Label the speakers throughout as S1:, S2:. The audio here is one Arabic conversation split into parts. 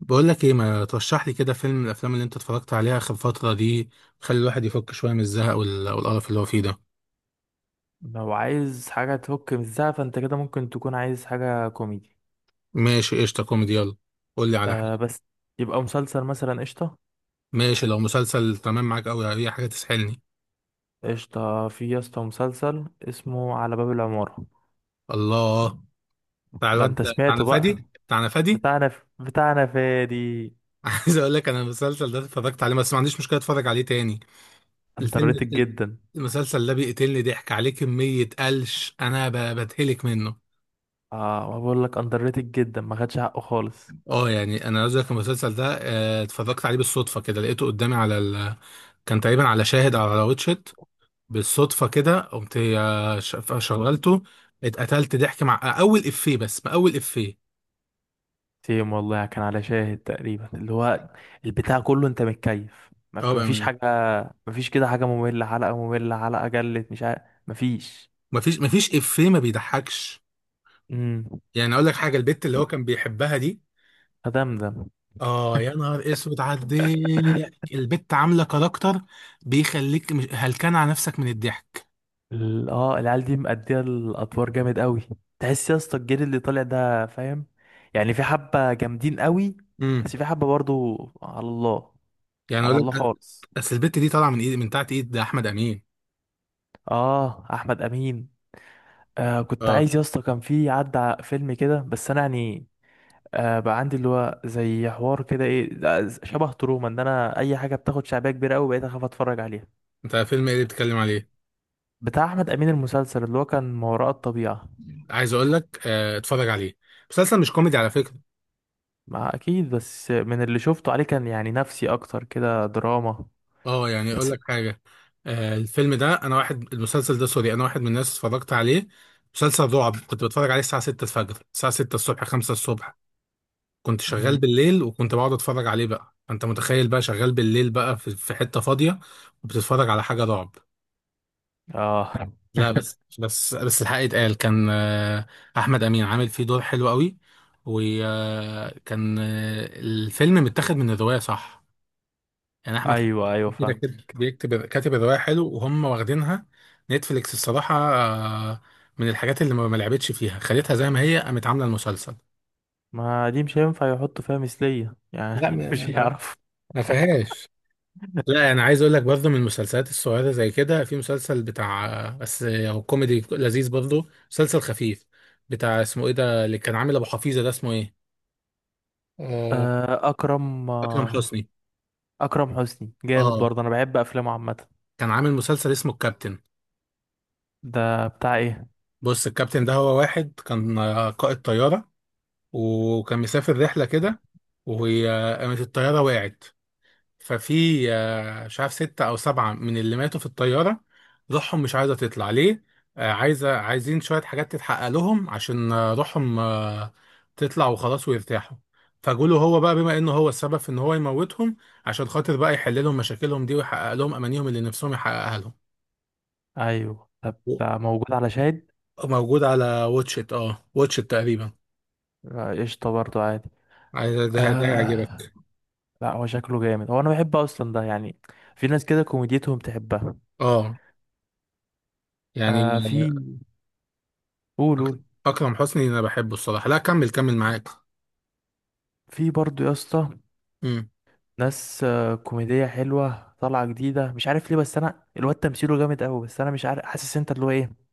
S1: بقول لك ايه، ما ترشح لي كده فيلم من الافلام اللي انت اتفرجت عليها اخر فتره دي؟ خلي الواحد يفك شويه من الزهق والقرف اللي هو فيه ده.
S2: لو عايز حاجة تفك من الزعل فانت كده ممكن تكون عايز حاجة كوميدي.
S1: ماشي قشطه، كوميدي، يلا قول لي على حاجه.
S2: آه بس، يبقى مسلسل مثلا، قشطة.
S1: ماشي، لو مسلسل تمام، معاك قوي اي حاجه تسحلني.
S2: قشطة، في يا اسطى مسلسل اسمه على باب العمارة.
S1: الله، بتاع
S2: ده
S1: الواد،
S2: انت
S1: بتاعنا
S2: سمعته بقى؟
S1: فادي بتاعنا فادي.
S2: بتاعنا فادي.
S1: عايز اقول لك، انا المسلسل ده اتفرجت عليه، بس ما عنديش مشكله اتفرج عليه تاني.
S2: اندر
S1: الفيلم،
S2: ريتد جدا.
S1: المسلسل ده بيقتلني ضحك عليه كميه قلش، انا بتهلك منه.
S2: اه، ما بقول لك اندر ريتد جدا، ما خدش حقه خالص.
S1: اه، يعني انا عايز اقول لك المسلسل ده، اتفرجت عليه بالصدفه كده، لقيته قدامي على ال... كان تقريبا على شاهد او على واتشت. بالصدفه كده قمت، شغلته. اتقتلت ضحك مع اول افيه، بس ما اول افيه.
S2: سيم والله، كان على شاهد تقريبا، اللي هو البتاع كله، انت متكيف، ما
S1: اه
S2: ما فيش
S1: بامانه.
S2: حاجة. ما فيش كده حاجة مملة، حلقة مملة، حلقة جلت، مش عارف. ما فيش.
S1: مفيش افيه ما بيضحكش.
S2: امم
S1: يعني اقول لك حاجه، البت اللي هو كان بيحبها دي،
S2: فدمدم.
S1: اه يا نهار اسود على الضحك، البت عامله كاركتر، بيخليك هلكان على نفسك من الضحك.
S2: العيال دي مأدية الأدوار جامد قوي. تحس يا اسطى الجيل اللي طالع ده فاهم، يعني في حبة جامدين قوي،
S1: امم.
S2: بس في حبة برضو على الله،
S1: يعني اقول
S2: على
S1: لك
S2: الله خالص.
S1: اصل البت دي طالعه من ايد، من تحت ايد ده احمد امين.
S2: اه، أحمد أمين. آه كنت
S1: اه.
S2: عايز يا اسطى، كان في عدى فيلم كده، بس أنا يعني آه بقى عندي اللي هو زي حوار كده ايه ده، شبه تروما، ان انا اي حاجه بتاخد شعبيه كبيره قوي بقيت اخاف اتفرج عليها.
S1: انت فيلم ايه اللي بتتكلم عليه؟
S2: بتاع احمد امين، المسلسل اللي هو كان ما وراء الطبيعه.
S1: عايز اقول لك اتفرج عليه، مسلسل مش كوميدي على فكره.
S2: ما اكيد، بس من اللي شفته عليه كان يعني نفسي اكتر كده دراما
S1: اه يعني اقول
S2: بس.
S1: لك حاجه، الفيلم ده انا واحد، المسلسل ده سوري، انا واحد من الناس اتفرجت عليه. مسلسل رعب، كنت بتفرج عليه الساعه 6 الفجر، الساعه 6 الصبح، 5 الصبح. كنت شغال
S2: مم.
S1: بالليل، وكنت بقعد اتفرج عليه، بقى انت متخيل بقى شغال بالليل بقى في حته فاضيه، وبتتفرج على حاجه رعب.
S2: اه.
S1: لا، بس الحق يتقال، كان احمد امين عامل فيه دور حلو قوي. وكان الفيلم متاخد من الروايه صح، يعني احمد
S2: ايوه ايوه
S1: كده
S2: فاهم.
S1: كده بيكتب، كاتب الروايه حلو وهم واخدينها. نتفليكس الصراحه من الحاجات اللي ما لعبتش فيها، خليتها زي ما هي، قامت عامله المسلسل.
S2: ما دي مش هينفع يحطوا فيها مثلية
S1: لا
S2: يعني مش هيعرف.
S1: ما فيهاش. لا انا عايز اقول لك، برضه من المسلسلات الصغيره زي كده، في مسلسل بتاع، بس هو كوميدي لذيذ برضه، مسلسل خفيف، بتاع اسمه ايه ده، اللي كان عامل ابو حفيظه، ده اسمه ايه؟ آه،
S2: اكرم
S1: اكرم حسني.
S2: اكرم حسني جامد
S1: اه،
S2: برضه، انا بحب افلامه عامة.
S1: كان عامل مسلسل اسمه الكابتن.
S2: ده بتاع ايه؟
S1: بص، الكابتن ده هو واحد كان قائد طياره، وكان مسافر رحله كده، وقامت الطياره وقعت. ففي مش عارف ستة أو سبعة من اللي ماتوا في الطيارة، روحهم مش عايزة تطلع. ليه؟ عايزة، عايزين شوية حاجات تتحقق لهم، عشان روحهم تطلع وخلاص ويرتاحوا. فجوله هو بقى، بما إنه هو السبب في إن هو يموتهم، عشان خاطر بقى يحل لهم مشاكلهم دي، ويحقق لهم أمانيهم اللي نفسهم يحققها لهم.
S2: ايوه ده
S1: و-
S2: بتاع، موجود على شاهد.
S1: موجود على واتشت، اه واتشت تقريبا.
S2: قشطة برضه، عادي.
S1: ده
S2: آه.
S1: يعجبك؟
S2: لا هو شكله جامد، هو انا بحب اصلا ده، يعني في ناس كده كوميديتهم تحبها.
S1: اه، يعني
S2: آه في. قول
S1: أك-
S2: قول.
S1: أكرم حسني أنا بحبه الصراحة، لا كمل كمل معاك.
S2: في برضه يا اسطى
S1: مم.
S2: ناس كوميدية حلوة طالعة جديدة، مش عارف ليه، بس انا الواد تمثيله جامد قوي، بس انا مش عارف، حاسس انت اللي هو ايه،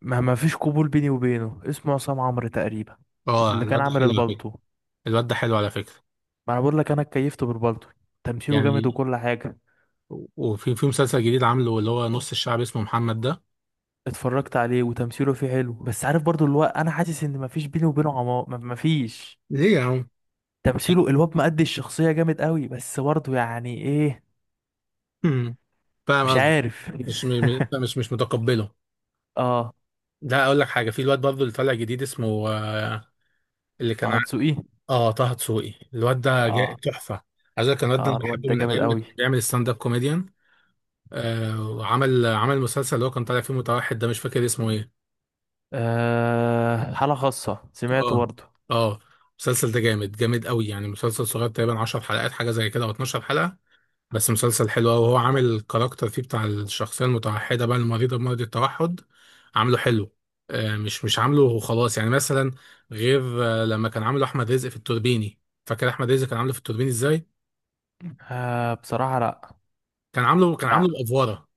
S2: ما فيش قبول بيني وبينه. اسمه عصام عمرو تقريبا،
S1: اه
S2: اللي كان
S1: الواد ده
S2: عامل
S1: حلو.
S2: البالطو.
S1: الواد ده حلو على فكرة.
S2: ما انا بقول لك انا اتكيفت بالبالطو، تمثيله جامد
S1: يعني
S2: وكل حاجة.
S1: وفي مسلسل جديد عامله، اللي هو نص الشعب، اسمه محمد ده.
S2: اتفرجت عليه وتمثيله فيه حلو، بس عارف برضو اللي هو، انا حاسس ان ما فيش بيني وبينه عمار، ما فيش.
S1: ليه يا عم؟
S2: تمثيله الواد مأدي الشخصية جامد قوي، بس برضو يعني ايه؟
S1: مم. فاهم
S2: مش
S1: قصدي،
S2: عارف.
S1: مش م- م- مش مش متقبله.
S2: اه.
S1: لا اقول لك حاجة، في الواد برضه اللي طالع جديد اسمه اللي كان
S2: طه دسوقي.
S1: اه، طه دسوقي، الواد ده جاي
S2: اه
S1: تحفة. عايز اقول لك الواد ده
S2: اه،
S1: انا
S2: الواد
S1: بحبه
S2: ده
S1: من
S2: جامد
S1: ايام ما كان
S2: قوي.
S1: بيعمل ستاند اب كوميديان. آه، وعمل مسلسل اللي هو كان طالع فيه متوحد ده، مش فاكر اسمه ايه.
S2: أه، حالة خاصة، سمعته
S1: اه.
S2: برضه.
S1: اه المسلسل ده جامد جامد قوي، يعني مسلسل صغير تقريبا 10 حلقات حاجة زي كده، او 12 حلقة. بس مسلسل حلو أوي، وهو عامل الكاركتر فيه، بتاع الشخصية المتوحدة بقى، المريضة بمرض التوحد، عامله حلو، مش عامله وخلاص يعني، مثلا غير لما كان عامله أحمد رزق في التوربيني. فاكر أحمد رزق كان عامله في التوربيني إزاي؟
S2: أه بصراحة لأ.
S1: كان
S2: لأ.
S1: عامله بأفوارة.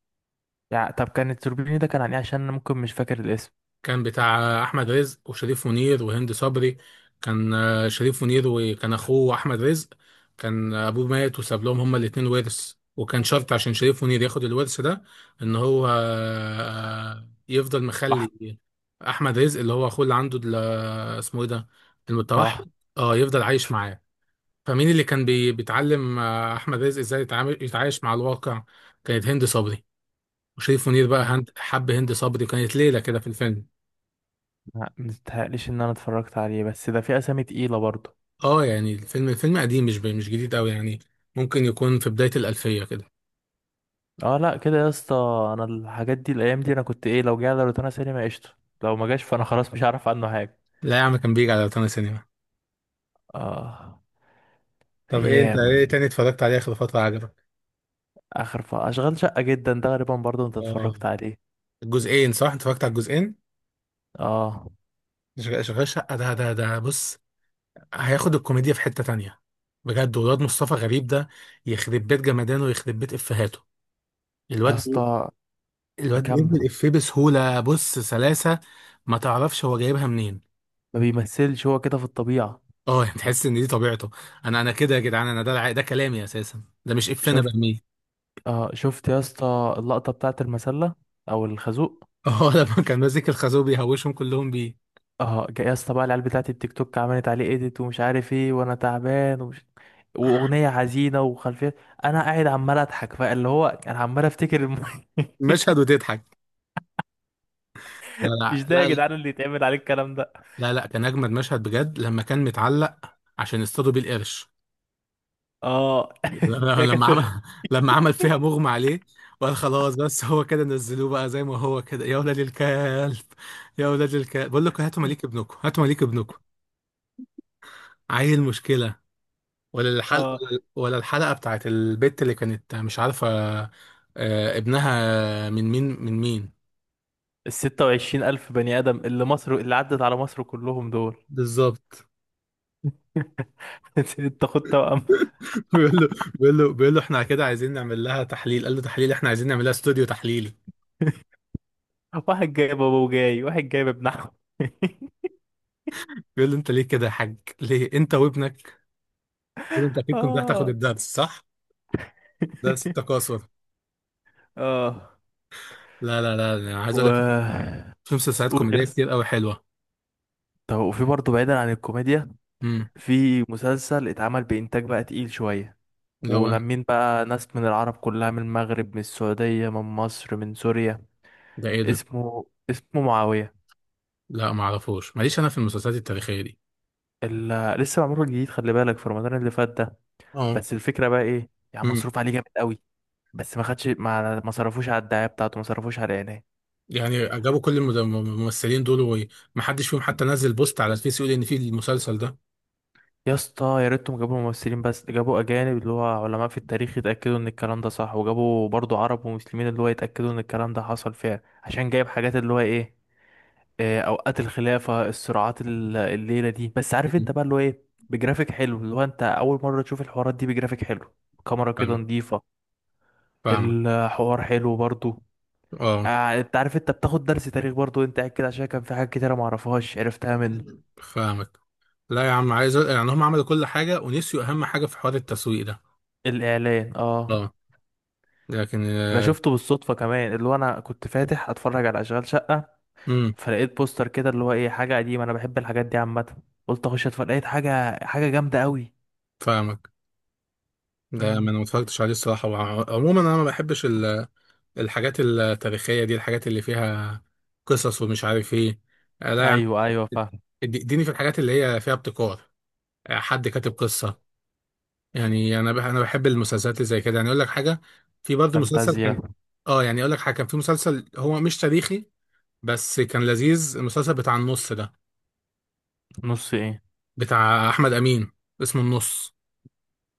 S2: يعني طب كان التوربيني ده كان عن إيه؟ عشان أنا ممكن مش فاكر الاسم.
S1: كان بتاع احمد رزق وشريف منير وهند صبري. كان شريف منير، وكان اخوه احمد رزق. كان ابوه مات وساب لهم هما الاتنين ورث، وكان شرط عشان شريف منير ياخد الورث ده، ان هو يفضل
S2: صح.
S1: مخلي احمد رزق اللي هو اخوه اللي عنده اسمه ايه ده، المتوحد،
S2: صح.
S1: اه يفضل عايش معاه. فمين اللي كان بيتعلم احمد رزق ازاي يتعامل، يتعايش مع الواقع؟ كانت هند صبري. وشريف منير بقى،
S2: مم.
S1: هند، حب هند صبري كانت ليلة كده في الفيلم.
S2: لأ مستحقليش إن أنا اتفرجت عليه، بس ده في أسامي تقيلة برضه.
S1: اه، يعني الفيلم، قديم، مش جديد قوي يعني، ممكن يكون في بداية الألفية كده.
S2: اه لأ كده يا اسطى. أنا الحاجات دي الأيام دي أنا كنت إيه، لو جه على روتانا سينما قشطة، لو ما جاش فأنا خلاص مش هعرف عنه حاجة.
S1: لا يا عم، كان بيجي على روتانا سينما.
S2: اه.
S1: طب ايه، انت ايه
S2: أيام.
S1: تاني اتفرجت عليه آخر فترة عجبك؟
S2: أشغال شقة جدا، ده غالبا برضه أنت
S1: اه.
S2: اتفرجت عليه.
S1: الجزئين صح؟ انت اتفرجت على الجزئين؟
S2: اه.
S1: شغال شقة، ده بص، هياخد الكوميديا في حتة تانية بجد، والواد مصطفى غريب ده يخرب بيت جمدانه ويخرب بيت إفيهاته.
S2: يا
S1: الواد
S2: اسطى.
S1: الواد بيرمي
S2: كمل.
S1: الإفيه بسهولة، بص سلاسة، ما تعرفش هو جايبها منين.
S2: ما بيمثلش هو كده في الطبيعة.
S1: اه، يعني تحس ان دي طبيعته. انا كده يا جدعان، انا ده ده كلامي اساسا، ده مش افنا
S2: شفت.
S1: برميه.
S2: اه شفت يا اسطى اللقطة بتاعت المسلة، او الخازوق.
S1: اه. لما كان ماسك الخازوق بيهوشهم كلهم بيه.
S2: اه، يا اسطى بقى العيال بتاعت التيك توك عملت عليه ايديت ومش عارف ايه، وانا تعبان ومش، واغنية حزينة وخلفية، انا قاعد عمال اضحك، فاللي هو انا عمال افتكر
S1: مشهد وتضحك. لا.
S2: مش ده يا
S1: لا،
S2: جدعان
S1: لا،
S2: اللي يتعمل عليه الكلام ده.
S1: لا، لا، كان اجمد مشهد بجد، لما كان متعلق عشان يصطادوا بيه القرش.
S2: اه. يا
S1: لما عمل،
S2: كافر.
S1: لما عمل فيها مغمى عليه، وقال خلاص، بس هو كده نزلوه بقى زي ما هو كده يا ولاد الكلب، يا ولاد الكلب بقول لكم هاتوا مليك ابنكم، هاتوا مليك ابنكم. عيل مشكله. ولا الحلقة،
S2: اه
S1: ولا الحلقة بتاعت البت اللي كانت مش عارفة ابنها من مين، من مين.
S2: ال 26 ألف بني آدم اللي مصر اللي عدت على مصر كلهم دول.
S1: بالظبط.
S2: انت خد توأم.
S1: بيقول له، احنا كده عايزين نعمل لها تحليل، قال له تحليل، احنا عايزين نعمل لها استوديو تحليلي.
S2: واحد جايب أبو، جاي واحد جايب ابن عم.
S1: بيقول له انت ليه كده يا حاج، ليه انت وابنك، بيقول له انت اكيد كنت رايح تاخد
S2: اه.
S1: الدرس صح، درس التكاثر.
S2: اه
S1: لا انا عايز
S2: و،
S1: اقول لك، في مسلسلات
S2: قول
S1: كوميديه
S2: يس.
S1: كتير قوي حلوه.
S2: طب وفي برضه بعيدا عن الكوميديا
S1: امم.
S2: في مسلسل اتعمل بإنتاج بقى تقيل شوية،
S1: اللي هو
S2: ولمين بقى ناس من العرب كلها، من المغرب، من السعودية، من مصر، من سوريا.
S1: ده ايه ده؟
S2: اسمه معاوية.
S1: لا ما اعرفوش ماليش انا في المسلسلات التاريخيه دي.
S2: ال... لسه معمول جديد، خلي بالك في رمضان اللي فات ده.
S1: اه،
S2: بس الفكرة بقى ايه، يعني مصروف عليه جامد قوي، بس ما خدش، ما صرفوش على الدعاية بتاعته، ما صرفوش على الإعلان.
S1: يعني جابوا كل الممثلين دول، ومحدش فيهم حتى نزل بوست على الفيس يقول ان في المسلسل ده.
S2: يا اسطى يا ريتهم جابوا ممثلين، بس جابوا اجانب اللي هو علماء في التاريخ، يتاكدوا ان الكلام ده صح، وجابوا برضو عرب ومسلمين اللي هو يتاكدوا ان الكلام ده حصل فعلا، عشان جايب حاجات اللي هو ايه، آه، اوقات الخلافه، الصراعات، الليله دي. بس عارف انت
S1: مم.
S2: بقى اللي هو ايه، بجرافيك حلو، اللي هو انت اول مره تشوف الحوارات دي بجرافيك حلو. كاميرا كده
S1: فاهمك،
S2: نظيفه.
S1: فاهمك.
S2: الحوار حلو برضو.
S1: اه
S2: انت عارف انت بتاخد درس تاريخ برضو انت قاعد كده، عشان كان في حاجات كتيره معرفهاش عرفتها منه.
S1: فاهمك. لا يا عم عايز يعني هم عملوا كل حاجة، ونسيوا أهم حاجة في حوار التسويق ده.
S2: الاعلان اه.
S1: اه. لكن
S2: انا شفته بالصدفه كمان، اللي هو انا كنت فاتح اتفرج على اشغال شقه،
S1: امم
S2: فلقيت بوستر كده اللي هو ايه، حاجه قديمه انا بحب الحاجات دي عامه، قلت اخش اتفرج، لقيت حاجه، حاجه جامده قوي.
S1: فاهمك. ده ما
S2: امم
S1: انا ما اتفرجتش عليه الصراحة، عموما انا ما بحبش الحاجات التاريخية دي، الحاجات اللي فيها قصص ومش عارف ايه. لا يا عم،
S2: ايوه ايوه فاهم.
S1: اديني في الحاجات اللي هي فيها ابتكار، حد كاتب قصة. يعني انا بحب المسلسلات اللي زي كده. يعني اقول لك حاجه، في برضه مسلسل
S2: فانتازيا.
S1: كان، اه يعني اقول لك حاجه، كان في مسلسل هو مش تاريخي بس كان لذيذ، المسلسل بتاع النص ده،
S2: نص ايه؟
S1: بتاع احمد امين، اسمه النص.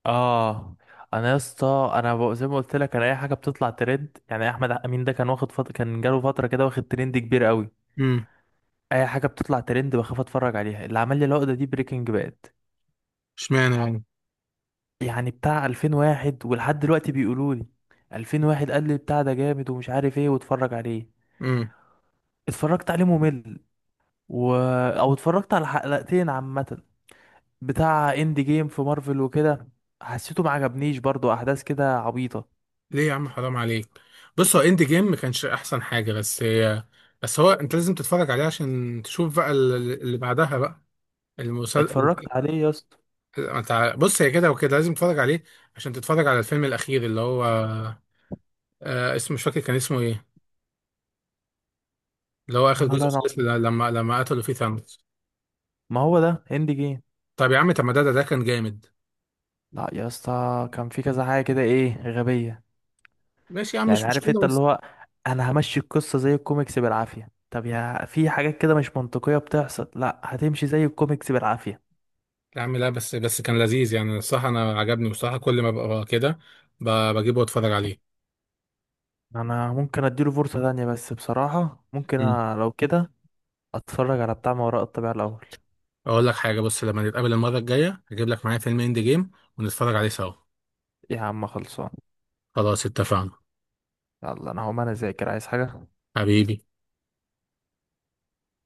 S2: اه انا يا اسطى انا زي ما قلت لك انا اي حاجه بتطلع ترند، يعني احمد امين ده كان واخد فتره، كان جاله فتره كده واخد ترند كبير قوي.
S1: امم.
S2: اي حاجه بتطلع ترند بخاف اتفرج عليها. اللي عمل لي العقده دي بريكنج باد.
S1: اشمعنى يعني؟
S2: يعني بتاع 2001 ولحد دلوقتي بيقولوا لي 2001، قال لي بتاع ده جامد ومش عارف ايه، واتفرج عليه.
S1: امم.
S2: اتفرجت عليه ممل. و... او اتفرجت على حلقتين عامة. بتاع اند جيم في مارفل وكده، حسيته ما عجبنيش برضو، احداث كده عبيطة.
S1: ليه يا عم حرام عليك. بص، هو اند جيم ما كانش احسن حاجه بس هي، بس هو انت لازم تتفرج عليه عشان تشوف بقى اللي بعدها بقى، المسلسل.
S2: اتفرجت عليه يا اسطى.
S1: بص، هي كده وكده لازم تتفرج عليه، عشان تتفرج على الفيلم الاخير، اللي هو آه اسمه مش فاكر كان اسمه ايه، اللي هو اخر جزء
S2: ولا انا.
S1: خالص، لما قتلوا فيه ثانوس.
S2: ما هو ده اند جيم.
S1: طب يا عم، طب ما ده كان جامد.
S2: لا يا اسطى كان في كذا حاجة كده ايه، غبية.
S1: ماشي يا عم
S2: يعني
S1: مش
S2: عارف انت
S1: مشكله
S2: اللي
S1: بس.
S2: هو، انا همشي القصه زي الكوميكس بالعافيه، طب يا في حاجات كده مش منطقيه بتحصل، لا هتمشي زي الكوميكس بالعافيه.
S1: يا عم لا، بس كان لذيذ يعني، الصراحه انا عجبني بصراحه، كل ما ببقى كده بجيبه واتفرج عليه.
S2: انا ممكن اديله فرصه تانية، بس بصراحه ممكن
S1: امم.
S2: لو كده اتفرج على بتاع ما وراء الطبيعه الاول.
S1: اقول لك حاجه، بص لما نتقابل المره الجايه هجيب لك معايا فيلم اند جيم ونتفرج عليه سوا.
S2: يا عم خلصان.
S1: خلاص اتفقنا.
S2: يلا انا هقوم، انا اذاكر عايز حاجه.
S1: حبيبي.